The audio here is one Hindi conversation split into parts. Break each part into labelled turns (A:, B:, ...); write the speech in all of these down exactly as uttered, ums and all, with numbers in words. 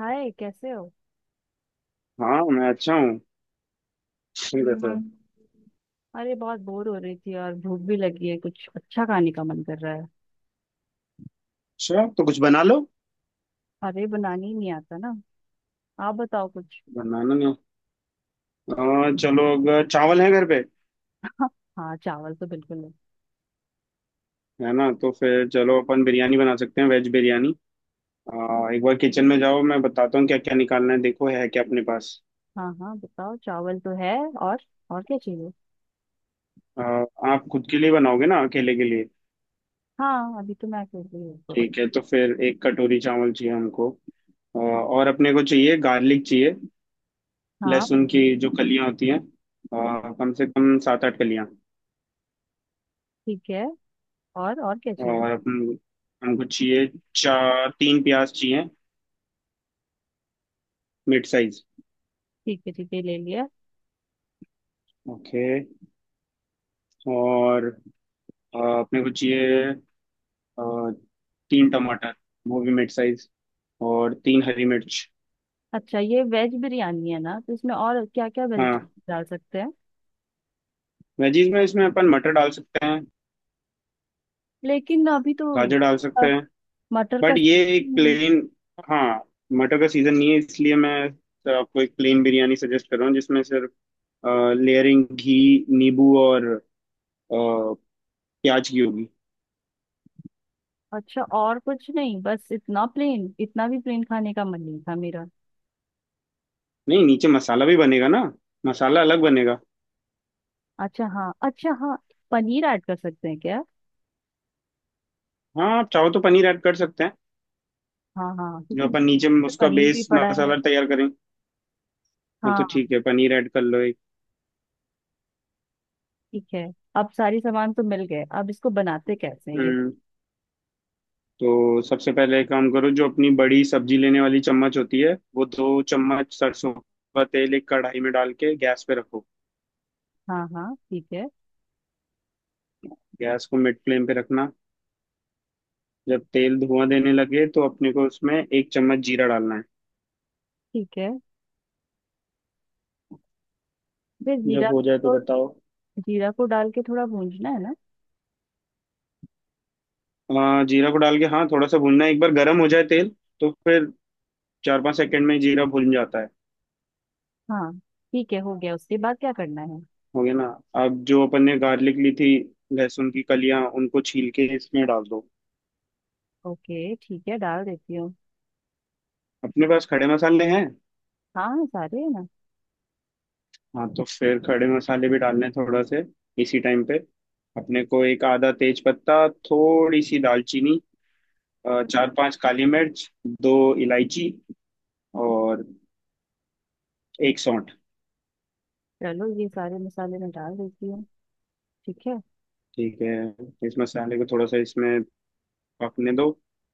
A: हाय, कैसे हो।
B: हाँ मैं अच्छा हूँ। ठीक है सर। हम्म।
A: अरे, बहुत बोर हो रही थी और भूख भी लगी है, कुछ अच्छा खाने का मन कर रहा है।
B: अच्छा तो कुछ बना लो।
A: अरे, बनाने ही नहीं आता ना। आप बताओ कुछ।
B: बनाना नहीं। आ, चलो, अगर चावल है घर पे
A: हाँ, चावल तो बिल्कुल है।
B: है ना तो फिर चलो अपन बिरयानी बना सकते हैं, वेज बिरयानी। आ, एक बार किचन में जाओ, मैं बताता हूँ क्या क्या निकालना है, देखो है क्या अपने पास।
A: हाँ हाँ, बताओ। चावल तो है, और और क्या चाहिए।
B: आ, आप खुद के लिए बनाओगे ना, अकेले के लिए।
A: हाँ, अभी तो मैं कर रही हूँ तो।
B: ठीक है, तो फिर एक कटोरी चावल चाहिए हमको। आ, और अपने को चाहिए, गार्लिक चाहिए।
A: हाँ
B: लहसुन की
A: बिल्कुल।
B: जो कलियाँ होती हैं। आ, कम से कम सात आठ कलियाँ।
A: ठीक है, और और क्या चाहिए।
B: और अपन, हमको चाहिए चार तीन प्याज चाहिए, मिड साइज।
A: ठीक है ठीक है, ले लिया।
B: ओके। और अ, अपने को चाहिए, अ, तीन टमाटर, वो भी मिड साइज, और तीन हरी मिर्च।
A: अच्छा, ये वेज बिरयानी है ना, तो इसमें और क्या क्या
B: हाँ।
A: वेजिटेबल डाल सकते हैं।
B: वेजीज में इसमें अपन मटर डाल सकते हैं,
A: लेकिन अभी तो
B: गाजर डाल सकते
A: अ,
B: हैं।
A: मटर का।
B: बट ये एक
A: हम्म,
B: प्लेन। हाँ, मटर का सीजन नहीं है, इसलिए मैं तो आपको एक प्लेन बिरयानी सजेस्ट कर रहा हूँ, जिसमें सिर्फ लेयरिंग घी, नींबू और अ, प्याज की होगी।
A: अच्छा, और कुछ नहीं, बस इतना प्लेन? इतना भी प्लेन खाने का मन नहीं था मेरा।
B: नहीं, नीचे मसाला भी बनेगा ना, मसाला अलग बनेगा।
A: अच्छा हाँ, अच्छा हाँ। पनीर ऐड कर सकते हैं क्या।
B: हाँ आप चाहो तो पनीर ऐड कर सकते हैं।
A: हाँ हाँ, क्योंकि
B: जो अपन नीचे में
A: में
B: उसका
A: पनीर भी
B: बेस
A: पड़ा है।
B: मसाला तैयार करें। हाँ तो ठीक
A: हाँ,
B: है, पनीर ऐड कर लो एक।
A: ठीक है। अब सारी सामान तो मिल गए, अब इसको बनाते कैसे हैं ये।
B: हम्म। तो सबसे पहले एक काम करो, जो अपनी बड़ी सब्जी लेने वाली चम्मच होती है वो दो चम्मच सरसों का तेल एक कढ़ाई में डाल के गैस पे रखो।
A: हाँ हाँ, ठीक है।
B: गैस को मिड फ्लेम पे रखना। जब तेल धुआं देने लगे तो अपने को उसमें एक चम्मच जीरा डालना है।
A: ठीक है, फिर जीरा
B: जब हो जाए तो
A: को,
B: बताओ।
A: जीरा को डाल के थोड़ा भूंजना है ना।
B: आ, जीरा को डाल के, हाँ, थोड़ा सा भूनना है, एक बार गर्म हो जाए तेल तो फिर चार पाँच सेकंड में जीरा भून जाता है।
A: हाँ, ठीक है, हो गया। उसके बाद क्या करना है।
B: हो गया ना। अब जो अपन ने गार्लिक ली थी, लहसुन की कलियां, उनको छील के इसमें डाल दो।
A: ओके, ठीक है, डाल देती हूँ।
B: अपने पास खड़े मसाले हैं।
A: हाँ हाँ, सारे है ना।
B: हाँ, तो फिर खड़े मसाले भी डालने हैं थोड़ा से, इसी टाइम पे। अपने को एक आधा तेज पत्ता, थोड़ी सी दालचीनी, अ, चार पांच काली मिर्च, दो इलायची और एक सौंठ।
A: चलो, ये सारे मसाले मैं डाल देती हूँ। ठीक है।
B: ठीक है। इस मसाले को थोड़ा सा इसमें पकने दो।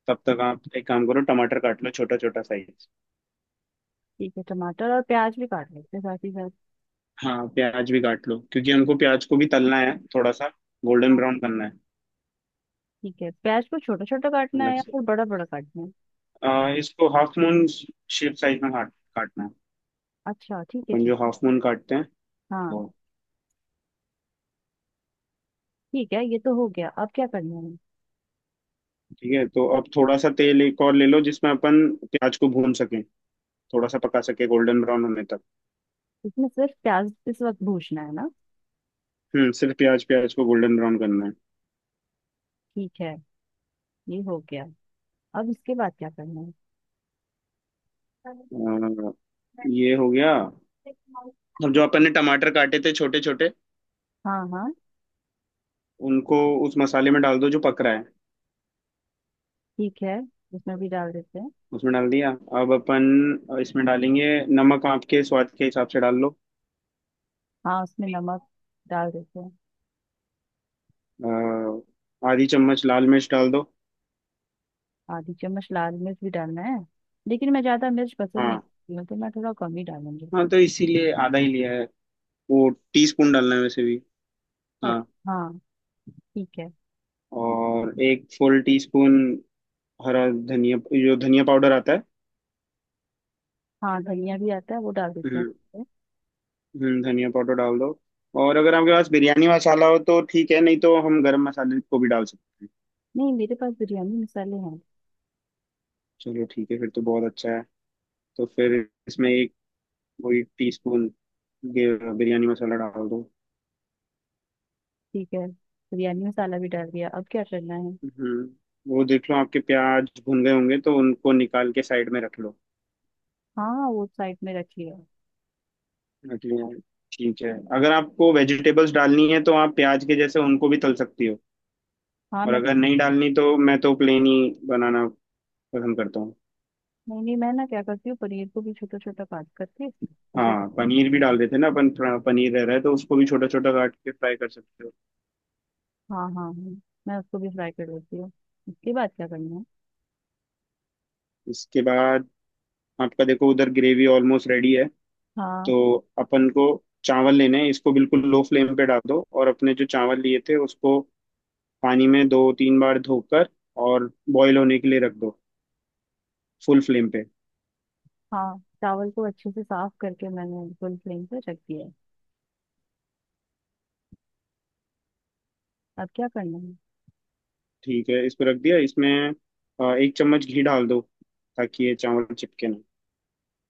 B: तब तक आप एक काम करो, टमाटर काट लो छोटा छोटा साइज।
A: ठीक है, टमाटर और प्याज भी काट लेते हैं साथ ही साथ।
B: हाँ, प्याज भी काट लो, क्योंकि हमको प्याज को भी तलना है थोड़ा सा, गोल्डन
A: हाँ।
B: ब्राउन करना है।
A: ठीक है, प्याज को छोटा छोटा काटना
B: अलग
A: है या
B: से
A: फिर बड़ा बड़ा काटना है।
B: आ, इसको हाफ मून शेप साइज में काट काटना है।
A: अच्छा ठीक है,
B: अपन जो
A: ठीक।
B: हाफ मून काटते हैं वो।
A: हाँ, ठीक है, ये तो हो गया। अब क्या करना है।
B: ठीक है, तो अब थोड़ा सा तेल एक और ले लो, जिसमें अपन प्याज को भून सकें, थोड़ा सा पका सके गोल्डन ब्राउन होने तक।
A: इसमें सिर्फ प्याज इस वक्त भूनना है ना।
B: हम्म, सिर्फ प्याज, प्याज को गोल्डन ब्राउन करना है।
A: ठीक है, ये हो गया। अब इसके बाद क्या करना है।
B: आ, ये हो गया। अब जो अपन ने टमाटर काटे थे छोटे छोटे,
A: हाँ हाँ,
B: उनको उस मसाले में डाल दो जो पक रहा है।
A: ठीक है, उसमें भी डाल देते हैं।
B: उसमें डाल दिया। अब अपन इसमें डालेंगे, नमक आपके स्वाद के हिसाब से डाल लो।
A: हाँ, उसमें नमक डाल देते हैं।
B: अ, आधी चम्मच लाल मिर्च डाल दो।
A: आधी चम्मच लाल मिर्च भी डालना है? लेकिन मैं ज्यादा मिर्च पसंद नहीं
B: हाँ,
A: करती हूँ, तो मैं थोड़ा कम ही डालूंगी।
B: हाँ, तो इसीलिए आधा ही लिया है, वो टी स्पून डालना है वैसे भी। हाँ।
A: अच्छा हाँ, ठीक है।
B: और एक फुल टी स्पून हरा धनिया, जो धनिया पाउडर आता है।
A: हाँ, धनिया भी आता है, वो डाल देते
B: हम्म।
A: हैं।
B: हम्म, धनिया पाउडर डाल दो। और अगर आपके पास बिरयानी मसाला हो तो ठीक है, नहीं तो हम गरम मसाले को भी डाल सकते हैं।
A: नहीं, मेरे पास बिरयानी मसाले हैं।
B: चलो ठीक है, फिर तो बहुत अच्छा है। तो फिर इसमें एक, वही टी स्पून बिरयानी मसाला डाल दो।
A: ठीक है, बिरयानी मसाला भी डाल दिया। अब क्या करना है।
B: हम्म वो देख लो आपके प्याज भुन गए होंगे तो उनको निकाल के साइड में रख लो।
A: हाँ, वो साइड में रख लिया।
B: रख लिया, ठीक है। अगर आपको वेजिटेबल्स डालनी है तो आप प्याज के जैसे उनको भी तल सकती हो।
A: हाँ
B: और
A: मैं,
B: अगर नहीं डालनी तो मैं तो प्लेन ही बनाना पसंद करता हूँ।
A: नहीं नहीं, मैं ना क्या करती हूँ, पनीर को भी छोटा छोटा काट करके उसे।
B: हाँ पनीर भी
A: अच्छा,
B: डाल देते हैं ना अपन, थोड़ा पनीर रह रहा है तो उसको भी छोटा छोटा काट के फ्राई कर सकते हो।
A: हाँ हाँ हाँ, मैं उसको भी फ्राई कर लेती हूँ। उसके बाद क्या करना है।
B: इसके बाद आपका देखो उधर ग्रेवी ऑलमोस्ट रेडी है।
A: हाँ।
B: तो अपन को चावल लेने हैं, इसको बिल्कुल लो फ्लेम पे डाल दो और अपने जो चावल लिए थे उसको पानी में दो तीन बार धोकर और बॉईल होने के लिए रख दो, फुल फ्लेम पे।
A: हाँ, चावल को अच्छे से साफ करके मैंने फुल फ्लेम पे रख दिया है। अब क्या करना है।
B: ठीक है, इसको रख दिया, इसमें अ, एक चम्मच घी डाल दो ताकि ये चावल चिपके ना।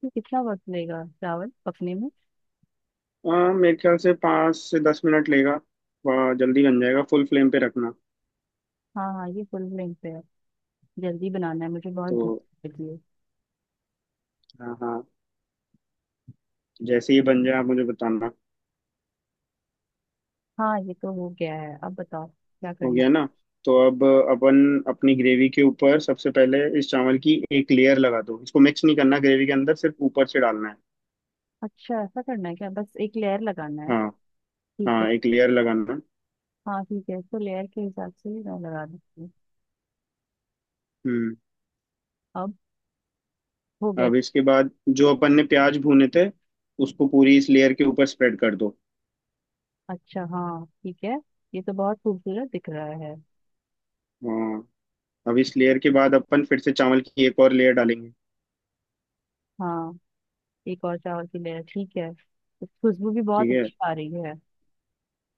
A: ये कितना वक्त लेगा चावल पकने में।
B: अ, मेरे ख्याल से पाँच से दस मिनट लेगा। वह जल्दी बन जाएगा, फुल फ्लेम पे रखना।
A: हाँ हाँ, ये फुल फ्लेम पे है। जल्दी बनाना है, मुझे बहुत
B: तो,
A: भूख लगी है।
B: हाँ हाँ, जैसे ही बन जाए आप मुझे बताना।
A: हाँ, ये तो हो गया है। अब बताओ क्या
B: हो
A: करना
B: गया
A: है?
B: ना। तो अब अपन अपनी ग्रेवी के ऊपर सबसे पहले इस चावल की एक लेयर लगा दो, इसको मिक्स नहीं करना ग्रेवी के अंदर, सिर्फ ऊपर से डालना है।
A: अच्छा, ऐसा करना है क्या, बस एक लेयर लगाना है।
B: हाँ
A: ठीक है।
B: हाँ, एक लेयर लगाना है।
A: हाँ ठीक है, तो लेयर के हिसाब से ही मैं लगा देती हूँ।
B: हम्म
A: अब हो गया।
B: अब इसके बाद जो अपन ने प्याज भूने थे उसको पूरी इस लेयर के ऊपर स्प्रेड कर दो।
A: अच्छा हाँ, ठीक है, ये तो बहुत खूबसूरत दिख रहा है।
B: हाँ, अब इस लेयर के बाद अपन फिर से चावल की एक और लेयर डालेंगे।
A: हाँ। एक और चावल की लेयर, ठीक है, तो खुशबू भी
B: ठीक
A: बहुत
B: है।
A: अच्छी आ रही है।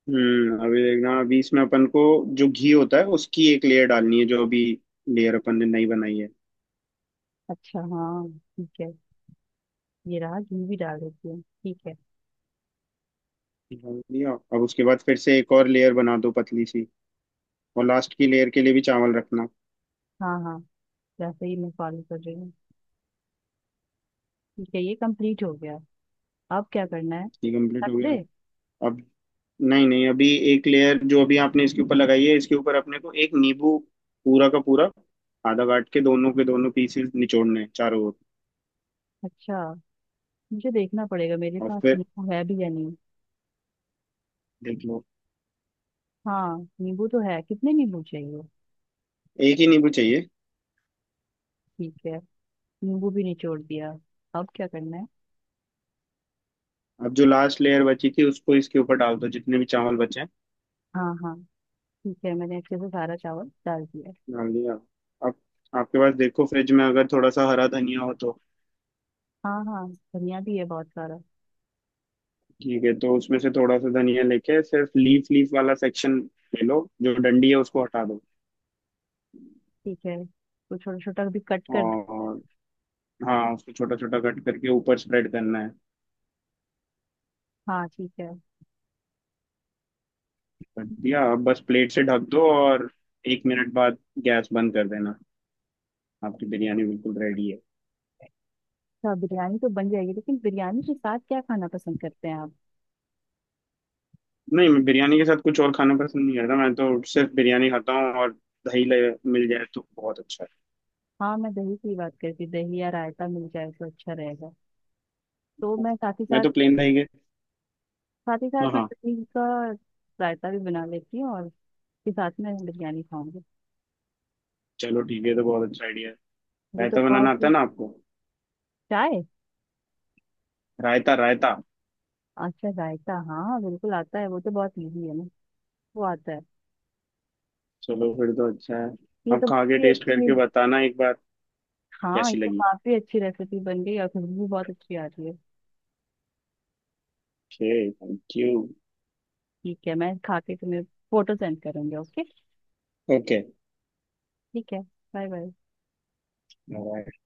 B: हम्म अभी देखना, अभी इसमें अपन को जो घी होता है उसकी एक लेयर डालनी है, जो अभी लेयर अपन ने नई बनाई है।
A: अच्छा हाँ, ठीक है, ये रहा, घी भी डाल देती हूँ। ठीक है।
B: डाल दिया। अब उसके बाद फिर से एक और लेयर बना दो पतली सी, और लास्ट की लेयर के लिए भी चावल रखना।
A: हाँ हाँ, जैसे ही, मैं फॉलो कर रही हूँ। ठीक है, ये कंप्लीट हो गया। अब क्या करना है,
B: ये कंप्लीट
A: रख
B: हो गया।
A: दे।
B: अब, नहीं नहीं, अभी एक लेयर जो अभी आपने इसके ऊपर लगाई है, इसके ऊपर अपने को एक नींबू, पूरा का पूरा आधा काट के, दोनों के दोनों पीसेस निचोड़ने हैं चारों ओर।
A: अच्छा, मुझे देखना पड़ेगा मेरे
B: और
A: पास
B: फिर
A: नींबू है भी या नहीं।
B: देख लो।
A: हाँ, नींबू तो है, कितने नींबू चाहिए।
B: एक ही नींबू चाहिए।
A: ठीक है, नींबू भी निचोड़ दिया। अब क्या करना है।
B: अब जो लास्ट लेयर बची थी उसको इसके ऊपर डाल दो, जितने भी चावल बचे हैं।
A: हाँ हाँ, ठीक है, मैंने अच्छे से सारा चावल डाल दिया।
B: डाल दिया। अब आपके पास देखो फ्रिज में अगर थोड़ा सा हरा धनिया हो तो
A: हाँ हाँ, धनिया भी है बहुत सारा।
B: ठीक है, तो उसमें से थोड़ा सा धनिया लेके सिर्फ लीफ, लीफ वाला सेक्शन ले लो, जो डंडी है उसको हटा दो।
A: ठीक है, तो छोटा छोटा भी कट कर।
B: और, हाँ, उसको छोटा छोटा कट करके ऊपर स्प्रेड करना है।
A: हाँ, ठीक है।
B: बढ़िया। आप बस प्लेट से ढक दो और एक मिनट बाद गैस बंद कर देना। आपकी बिरयानी बिल्कुल रेडी है।
A: अच्छा, बिरयानी तो बन जाएगी, लेकिन बिरयानी के साथ क्या खाना पसंद करते हैं आप।
B: नहीं, मैं बिरयानी के साथ कुछ और खाना पसंद नहीं करता, मैं तो सिर्फ बिरयानी खाता हूँ। और दही ले मिल जाए तो बहुत अच्छा
A: हाँ, मैं दही की बात करती, दही या रायता मिल जाए तो अच्छा रहेगा। तो
B: है।
A: मैं साथ ही
B: मैं
A: साथ,
B: तो प्लेन दही के।
A: साथ ही साथ
B: हाँ
A: मैं
B: हाँ।
A: दही का रायता भी बना लेती हूँ, और के साथ में बिरयानी खाऊंगी।
B: चलो ठीक है, ये तो बहुत अच्छा आइडिया है।
A: ये तो
B: रायता बनाना
A: बहुत
B: आता
A: ही
B: है ना आपको।
A: चाय,
B: रायता, रायता।
A: अच्छा जायका। हाँ बिल्कुल आता है, वो तो बहुत इजी है ना, वो आता है।
B: चलो फिर तो अच्छा है।
A: ये
B: आप
A: तो
B: खा के
A: काफी
B: टेस्ट
A: अच्छी,
B: करके बताना एक बार।
A: हाँ, ये
B: कैसी
A: तो
B: लगी।
A: काफी अच्छी रेसिपी बन गई, और खुशबू भी बहुत अच्छी आ रही है।
B: Okay, thank you.
A: ठीक है, मैं खा के तुम्हें फोटो सेंड करूंगी। ओके, ठीक है, बाय बाय।
B: ओके।